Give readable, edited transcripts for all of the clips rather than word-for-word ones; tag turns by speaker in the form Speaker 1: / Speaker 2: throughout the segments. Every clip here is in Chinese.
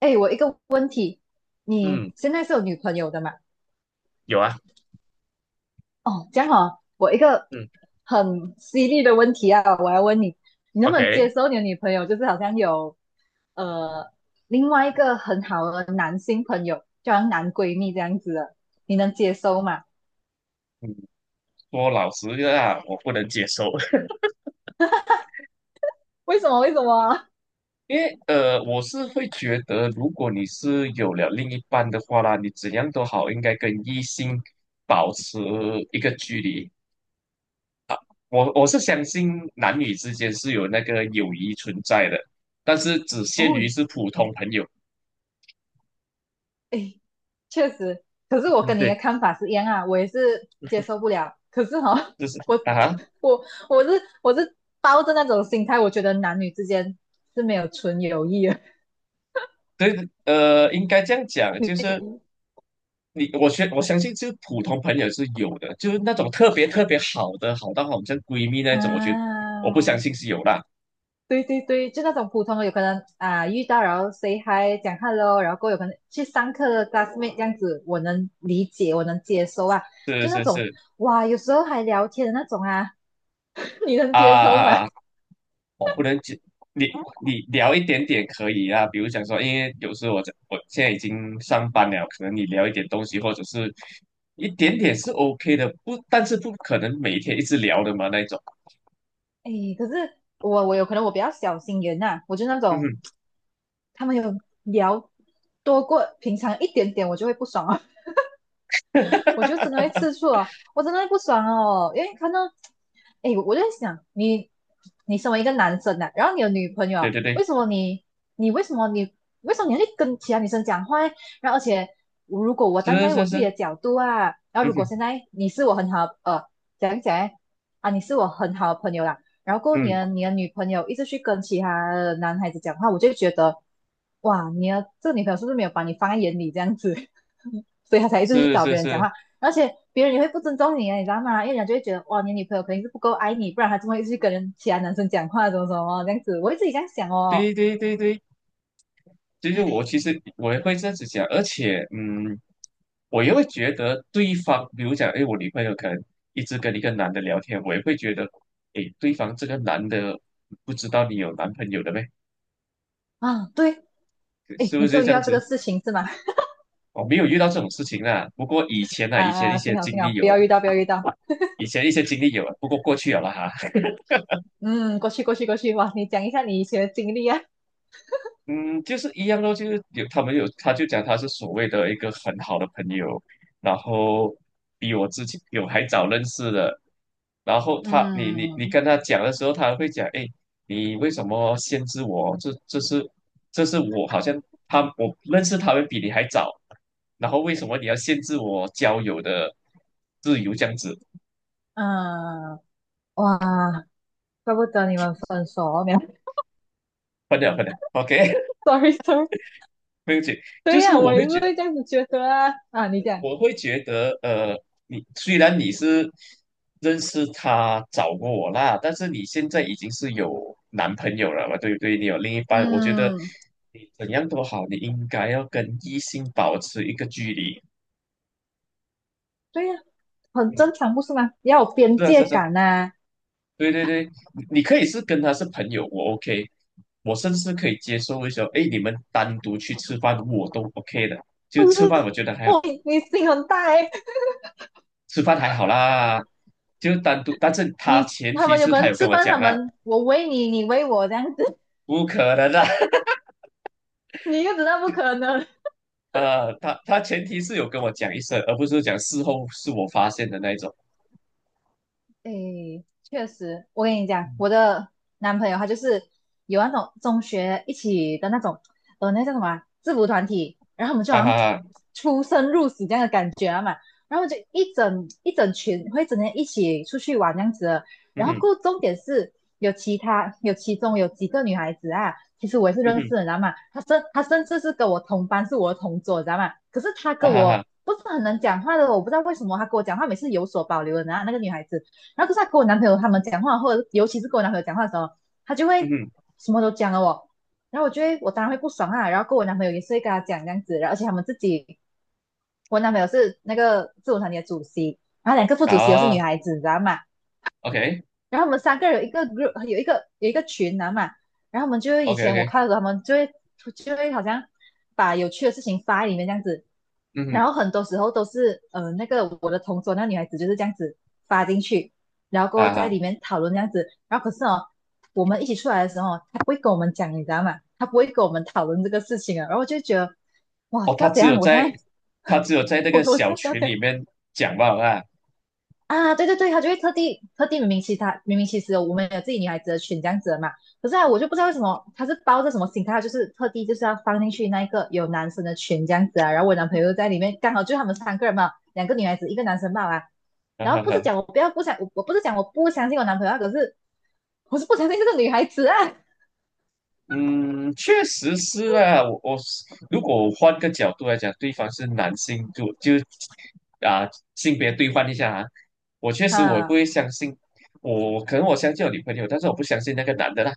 Speaker 1: 哎，我一个问题，你
Speaker 2: 嗯，
Speaker 1: 现在是有女朋友的嘛？
Speaker 2: 有啊，
Speaker 1: 哦，这样哦，我一个
Speaker 2: 嗯
Speaker 1: 很犀利的问题啊，我要问你，你能不能接
Speaker 2: ，OK，
Speaker 1: 受你的女朋友就是好像有呃另外一个很好的男性朋友，就好像男闺蜜这样子的，你能接受吗？
Speaker 2: 嗯，说老实的啊，我不能接受，
Speaker 1: 为什么？为什么？
Speaker 2: 因为我是会觉得，如果你是有了另一半的话啦，你怎样都好，应该跟异性保持一个距离。我是相信男女之间是有那个友谊存在的，但是只 限于
Speaker 1: 哦，
Speaker 2: 是普通朋友。
Speaker 1: 哎，确实，可是我
Speaker 2: 嗯
Speaker 1: 跟你的
Speaker 2: 对，
Speaker 1: 看法是一样啊，我也是接受不了。可是哈、哦
Speaker 2: 就是
Speaker 1: 我
Speaker 2: 啊哈
Speaker 1: 我我是我是抱着那种心态，我觉得男女之间是没有纯友谊的。
Speaker 2: 对，应该这样讲，
Speaker 1: 你
Speaker 2: 就是。你我相我相信，就是普通朋友是有的，就是那种特别特别好的，好到好像闺蜜那种，我觉得我不相
Speaker 1: 啊，
Speaker 2: 信是有啦。
Speaker 1: 对对对，就那种普通的，有可能啊遇到然后 say hi 讲 hello，然后过后有可能去上课的 classmate 这样子，我能理解，我能接受啊。
Speaker 2: 是
Speaker 1: 就那
Speaker 2: 是
Speaker 1: 种
Speaker 2: 是
Speaker 1: 哇，有时候还聊天的那种啊，你能
Speaker 2: 啊
Speaker 1: 接受吗？
Speaker 2: 啊啊！我不能解你你聊一点点可以啊，比如讲说，因为有时候我现在已经上班了，可能你聊一点东西，或者是一点点是 OK 的，不，但是不可能每天一直聊的嘛那种。
Speaker 1: 哎，可是我有可能我比较小心眼呐、我就那
Speaker 2: 嗯
Speaker 1: 种
Speaker 2: 哼，
Speaker 1: 他们有聊多过平常一点点，我就会不爽啊。我 就真的会吃醋哦，我真的会不爽哦，因为看到，哎，我就在想，你身为一个男生啊，然后你有女朋
Speaker 2: 对
Speaker 1: 友，
Speaker 2: 对对，
Speaker 1: 为什么你你为什么你为什么你要去跟其他女生讲话欸然后而且我如果我站
Speaker 2: 是
Speaker 1: 在我
Speaker 2: 是
Speaker 1: 自己
Speaker 2: 是，
Speaker 1: 的角度啊，然后
Speaker 2: 嗯
Speaker 1: 如果
Speaker 2: 哼
Speaker 1: 现在你是我很好讲一讲来，啊，你是我很好的朋友啦，然后过
Speaker 2: 嗯，
Speaker 1: 年你的女朋友一直去跟其他的男孩子讲话，我就会觉得。哇，你的这个女朋友是不是没有把你放在眼里这样子，所以她才一直去
Speaker 2: 是
Speaker 1: 找
Speaker 2: 是
Speaker 1: 别人讲
Speaker 2: 是，
Speaker 1: 话。而且别人也会不尊重你啊，你知道吗？因为人家就会觉得哇，你女朋友肯定是不够爱你，不然她怎么会去跟人其他男生讲话，怎么怎么这样子？我会自己这样想哦。
Speaker 2: 对对对对。就是我
Speaker 1: 哎，
Speaker 2: 其实我也会这样子讲，而且我也会觉得对方，比如讲，哎，我女朋友可能一直跟一个男的聊天，我也会觉得，哎，对方这个男的不知道你有男朋友的呗，
Speaker 1: 啊，对，哎，
Speaker 2: 是不
Speaker 1: 你是
Speaker 2: 是
Speaker 1: 有遇
Speaker 2: 这样
Speaker 1: 到这
Speaker 2: 子？
Speaker 1: 个事情是吗？
Speaker 2: 我没有遇到这种事情啦，不过以前啊，以前一
Speaker 1: 啊，
Speaker 2: 些
Speaker 1: 幸好
Speaker 2: 经
Speaker 1: 幸
Speaker 2: 历
Speaker 1: 好，不
Speaker 2: 有了，
Speaker 1: 要遇到，不要遇到。
Speaker 2: 以前一些经历有了，不过过去有了啦哈。
Speaker 1: 嗯，过去过去过去，哇，你讲一下你以前的经历啊。
Speaker 2: 嗯，就是一样咯，就是有他们有，他就讲他是所谓的一个很好的朋友，然后比我之前有还早认识的，然后他你
Speaker 1: 嗯
Speaker 2: 跟他讲的时候，他会讲，哎，你为什么限制我？这这是这是我好像他我认识他们比你还早，然后为什么你要限制我交友的自由这样子？
Speaker 1: 啊，哇，怪不得你们分手哦，没有
Speaker 2: 分了分了，OK，
Speaker 1: ，sorry sorry。
Speaker 2: 没有解，就
Speaker 1: 对
Speaker 2: 是
Speaker 1: 呀、我也是会这样子觉得啊。啊，你讲，
Speaker 2: 我会觉得，你虽然你是认识他找过我啦，但是你现在已经是有男朋友了嘛，对不对？你有另一半，我觉得
Speaker 1: 嗯，
Speaker 2: 你怎样都好，你应该要跟异性保持一个距离。
Speaker 1: 对呀、很
Speaker 2: 嗯，
Speaker 1: 正常，不是吗？要有边
Speaker 2: 是啊，是
Speaker 1: 界
Speaker 2: 啊是啊
Speaker 1: 感呐、
Speaker 2: 对对对，你可以是跟他是朋友，我 OK，我甚至可以接受一些，哎，你们单独去吃饭，我都 OK 的。就吃饭，我觉得 还好，
Speaker 1: 我你你心很大哎、欸
Speaker 2: 吃饭还好啦。就单独，但是他
Speaker 1: 你
Speaker 2: 前
Speaker 1: 他
Speaker 2: 提
Speaker 1: 们有
Speaker 2: 是
Speaker 1: 可
Speaker 2: 他
Speaker 1: 能
Speaker 2: 有跟
Speaker 1: 吃
Speaker 2: 我
Speaker 1: 饭，
Speaker 2: 讲
Speaker 1: 他
Speaker 2: 啦，
Speaker 1: 们，我喂你，你喂我这样子，
Speaker 2: 不可能的，
Speaker 1: 你又知道不可能，
Speaker 2: 啊，啊他前提是有跟我讲一声，而不是讲事后是我发现的那一种，
Speaker 1: 诶，确实，我跟你讲，我的男朋友他就是有那种中学一起的那种，那叫什么啊制服团体，然后我们就好
Speaker 2: 哈
Speaker 1: 像
Speaker 2: 哈哈，
Speaker 1: 出生入死这样的感觉啊嘛，然后就一整群会整天一起出去玩这样子的，
Speaker 2: 嗯
Speaker 1: 然后
Speaker 2: 哼，
Speaker 1: 过后重点是有其他有其中有几个女孩子啊，其实我也是
Speaker 2: 嗯
Speaker 1: 认
Speaker 2: 哼，
Speaker 1: 识的，你知道吗？她甚至是跟我同班，是我的同桌，你知道吗？可是她
Speaker 2: 啊
Speaker 1: 跟
Speaker 2: 哈哈，
Speaker 1: 我不是很能讲话的，我不知道为什么她跟我讲话每次有所保留的，然后那个女孩子。然后可是他跟我男朋友他们讲话，或者尤其是跟我男朋友讲话的时候，他就会
Speaker 2: 嗯哼，
Speaker 1: 什么都讲了我，然后我觉得我当然会不爽啊，然后跟我男朋友也是会跟他讲这样子，然后而且他们自己，我男朋友是那个自我团体的主席，然后两个副主席又是女
Speaker 2: 啊
Speaker 1: 孩子，你知道吗？然后我们三个人有一个 group，有一个有一个群啊嘛，然后我们就会以前我
Speaker 2: ，OK，OK，OK，
Speaker 1: 看的时候，他们就会就会好像把有趣的事情发在里面这样子，
Speaker 2: 嗯哼，
Speaker 1: 然后很多时候都是那个我的同桌那女孩子就是这样子发进去，然后过后
Speaker 2: 啊
Speaker 1: 在
Speaker 2: 哈，
Speaker 1: 里面讨论这样子，然后可是哦我们一起出来的时候哦，她不会跟我们讲，你知道吗？她不会跟我们讨论这个事情啊，然后我就觉得哇，
Speaker 2: 哦，
Speaker 1: 知道怎样？我现在
Speaker 2: 他只有在 那
Speaker 1: 我
Speaker 2: 个
Speaker 1: 我现
Speaker 2: 小群
Speaker 1: 在
Speaker 2: 里面讲吧，啊，
Speaker 1: 啊，对对对，他就会特地特地明明其他明明其实我们有自己女孩子的群这样子的嘛，可是啊，我就不知道为什么他是抱着什么心态，他就是特地就是要放进去那一个有男生的群这样子啊，然后我男朋友在里面，刚好就他们三个人嘛，两个女孩子一个男生嘛啊，
Speaker 2: 哈
Speaker 1: 然
Speaker 2: 哈
Speaker 1: 后不是
Speaker 2: 哈。
Speaker 1: 讲我不要不想我我不是讲我不相信我男朋友啊，可是我是不相信这个女孩子啊
Speaker 2: 嗯，确实是啊。我我是如果换个角度来讲，对方是男性，就就啊性别对换一下啊，我确实我也不
Speaker 1: 啊，
Speaker 2: 会相信，我可能我相信我女朋友，但是我不相信那个男的啦。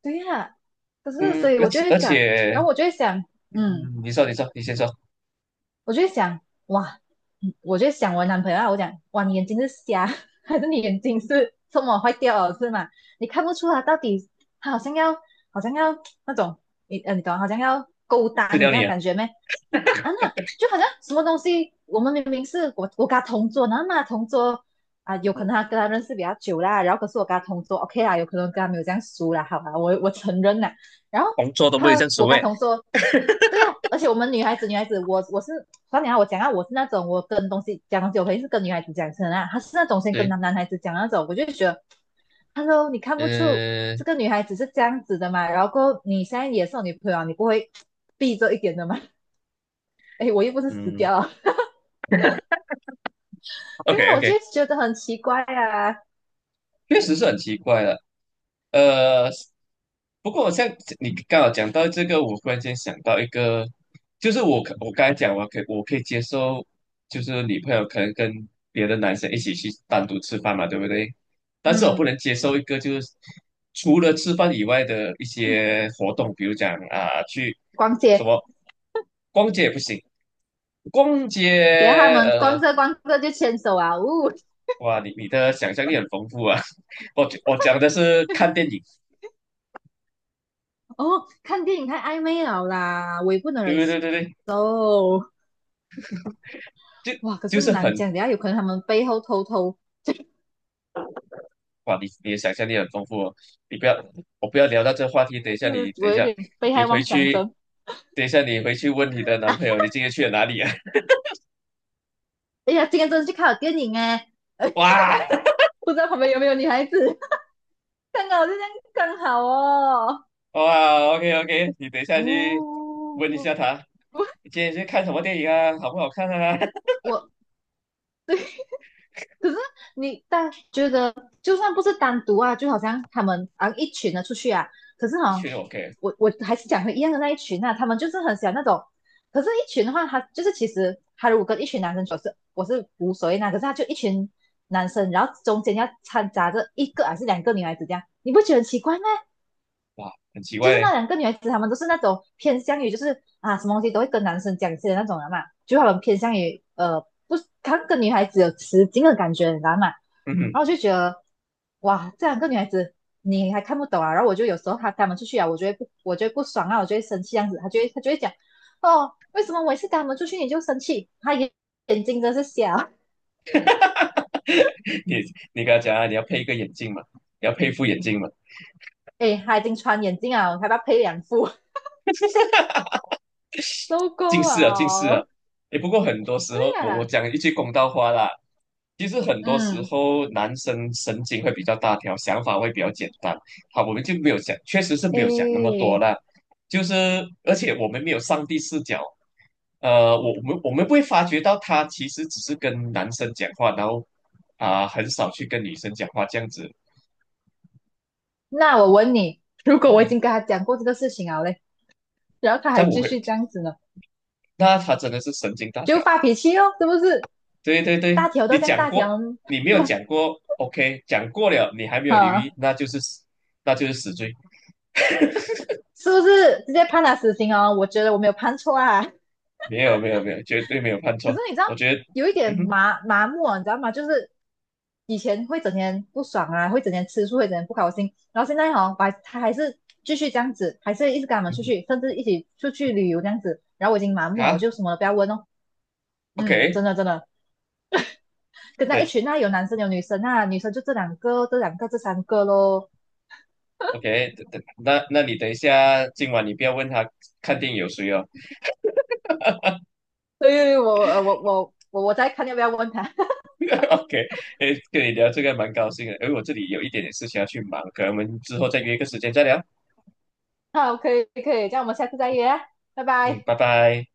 Speaker 1: 对呀、可是
Speaker 2: 嗯，
Speaker 1: 所以
Speaker 2: 而
Speaker 1: 我就
Speaker 2: 且
Speaker 1: 会
Speaker 2: 而
Speaker 1: 想，
Speaker 2: 且，
Speaker 1: 然后我就会想，嗯。
Speaker 2: 你先说，
Speaker 1: 我就会想，哇，嗯我就想我男朋友啊，我讲，哇，你眼睛是瞎，还是你眼睛是这么坏掉了是吗？你看不出他到底他好像要，好像要那种，你懂，好像要勾搭
Speaker 2: 吃
Speaker 1: 你
Speaker 2: 掉
Speaker 1: 这
Speaker 2: 你
Speaker 1: 样的
Speaker 2: 啊。
Speaker 1: 感觉没？啊，那就好像什么东西，我们明明是我跟他同桌，然后那同桌啊，有可
Speaker 2: 嗯，
Speaker 1: 能他跟他认识比较久啦，然后可是我跟他同桌，OK 啦，有可能跟他没有这样熟啦，好吧，我承认啦。然后
Speaker 2: 工作都不会
Speaker 1: 他
Speaker 2: 正所
Speaker 1: 我跟
Speaker 2: 谓。
Speaker 1: 他同桌，对呀、而且我们女孩子，女孩子，我是，算你啊我讲啊，我是那种我跟东西讲东西，我肯定是跟女孩子讲先啊，她是那种先跟
Speaker 2: 对，
Speaker 1: 男孩子讲那种，我就觉得，Hello，你看不出这
Speaker 2: 嗯
Speaker 1: 个女孩子是这样子的嘛？然后你现在也是我女朋友啊你不会避着一点的嘛？哎，我又不是死
Speaker 2: 嗯
Speaker 1: 掉了，所以
Speaker 2: ，OK
Speaker 1: 我就
Speaker 2: OK，
Speaker 1: 觉得很奇怪啊。
Speaker 2: 确实是很奇怪的。呃，不过像你刚好讲到这个，我忽然间想到一个，就是我刚才讲，我可以接受，就是女朋友可能跟别的男生一起去单独吃饭嘛，对不对？但是我不
Speaker 1: 嗯，
Speaker 2: 能接受一个就是除了吃饭以外的一些活动，比如讲啊、去
Speaker 1: 逛
Speaker 2: 什
Speaker 1: 街，
Speaker 2: 么逛街也不行，逛街
Speaker 1: 等下他们逛着逛着就牵手啊，呜、
Speaker 2: 哇，你的想象力很丰富啊。我讲的是看电影。
Speaker 1: 哦，看电影太暧昧了啦，我也不能忍
Speaker 2: 对对对对，
Speaker 1: 受。
Speaker 2: 就
Speaker 1: 哇，可
Speaker 2: 就
Speaker 1: 是
Speaker 2: 是
Speaker 1: 难
Speaker 2: 很
Speaker 1: 讲，等下有可能他们背后偷偷
Speaker 2: 哇，你的想象力很丰富哦。你不要，我不要聊到这个话题。等一下你，
Speaker 1: 是
Speaker 2: 等一
Speaker 1: 我有
Speaker 2: 下，
Speaker 1: 点被
Speaker 2: 你
Speaker 1: 害
Speaker 2: 回
Speaker 1: 妄想
Speaker 2: 去，
Speaker 1: 症。
Speaker 2: 等一下你回去问你的男朋友，你今天去了哪里啊？
Speaker 1: 哎呀，今天真的去看了电影哎，哎，
Speaker 2: 哇
Speaker 1: 不知道旁边有没有女孩子，刚好就这样刚好哦。
Speaker 2: 哇，OK OK，你等一下去问一
Speaker 1: 哦，
Speaker 2: 下他，你今天去看什么电影啊？好不好看啊？
Speaker 1: 我可是你但觉得，就算不是单独啊，就好像他们啊一群的出去啊，可是
Speaker 2: 一
Speaker 1: 哈，
Speaker 2: 群人 OK，
Speaker 1: 我还是讲回一样的那一群啊，他们就是很喜欢那种，可是一群的话，他就是其实他如果跟一群男生走是我是无所谓那，可是他就一群男生，然后中间要掺杂着一个还是两个女孩子这样，你不觉得很奇怪吗？
Speaker 2: 哇，很奇
Speaker 1: 就
Speaker 2: 怪
Speaker 1: 是
Speaker 2: 嘞。
Speaker 1: 那两个女孩子，她们都是那种偏向于就是啊，什么东西都会跟男生讲一些的那种人嘛，就她们偏向于呃，不她跟女孩子有雌竞的感觉，你知道吗？
Speaker 2: 嗯
Speaker 1: 然后我
Speaker 2: 哼，
Speaker 1: 就觉得，哇，这两个女孩子你还看不懂啊。然后我就有时候她跟她们出去啊，我就会不爽啊，我就会生气这样子。她就会讲，哦，为什么我一次跟她们出去你就生气？眼睛真是瞎，
Speaker 2: 你你跟他讲啊，你要配一个眼镜嘛，你要配一副眼镜嘛，
Speaker 1: 诶，她已经穿眼镜啊，我还要配两副，受
Speaker 2: 近
Speaker 1: 够
Speaker 2: 视啊，近视啊。
Speaker 1: 了。
Speaker 2: 诶，不过很多时
Speaker 1: 对
Speaker 2: 候，我
Speaker 1: 啊，
Speaker 2: 讲一句公道话啦，其实很多时
Speaker 1: 嗯，
Speaker 2: 候，男生神经会比较大条，想法会比较简单。好，我们就没有想，确实是没有想那么多
Speaker 1: 诶。
Speaker 2: 啦。就是，而且我们没有上帝视角，我们不会发觉到他其实只是跟男生讲话，然后啊、很少去跟女生讲话这样子。
Speaker 1: 那我问你，如果我已
Speaker 2: 嗯
Speaker 1: 经跟他讲过这个事情了嘞，然后他还
Speaker 2: 但我
Speaker 1: 继
Speaker 2: 会，
Speaker 1: 续这样子呢，
Speaker 2: 那他真的是神经大
Speaker 1: 就
Speaker 2: 条。
Speaker 1: 发脾气哦，是不是？
Speaker 2: 对对对，
Speaker 1: 大条
Speaker 2: 你
Speaker 1: 都这样
Speaker 2: 讲
Speaker 1: 大
Speaker 2: 过，
Speaker 1: 条，
Speaker 2: 你没有讲过，OK，讲过了，你还没 有留意，
Speaker 1: 啊，
Speaker 2: 那就是死罪。
Speaker 1: 是不是直接判他死刑哦？我觉得我没有判错啊。
Speaker 2: 没有没有没有，绝对没有判
Speaker 1: 可
Speaker 2: 错。
Speaker 1: 是你知道，
Speaker 2: 我觉得，
Speaker 1: 有一
Speaker 2: 嗯
Speaker 1: 点
Speaker 2: 哼，
Speaker 1: 麻麻木啊，你知道吗？就是以前会整天不爽啊，会整天吃醋，会整天不高兴，然后现在哈、哦我还他还是继续这样子，还是一直跟他们
Speaker 2: 嗯
Speaker 1: 出去，甚至一起出去旅游这样子。然后我已经麻
Speaker 2: 哼，
Speaker 1: 木了，我
Speaker 2: 啊
Speaker 1: 就什么都不要问哦。嗯，真
Speaker 2: ，OK，
Speaker 1: 的真的，跟在一
Speaker 2: 对
Speaker 1: 群啊，有男生有女生啊，女生就这两个、这两个、这三个咯。
Speaker 2: ，OK，等等，那你等一下，今晚你不要问他看电影有谁哦。
Speaker 1: 所以我再看要不要问他。
Speaker 2: OK，诶，跟你聊这个蛮高兴的，因为我这里有一点点事情要去忙，可能我们之后再约一个时间再聊。
Speaker 1: 好，可以可以，这样我们下次再约啊，拜
Speaker 2: 嗯，
Speaker 1: 拜。
Speaker 2: 拜拜。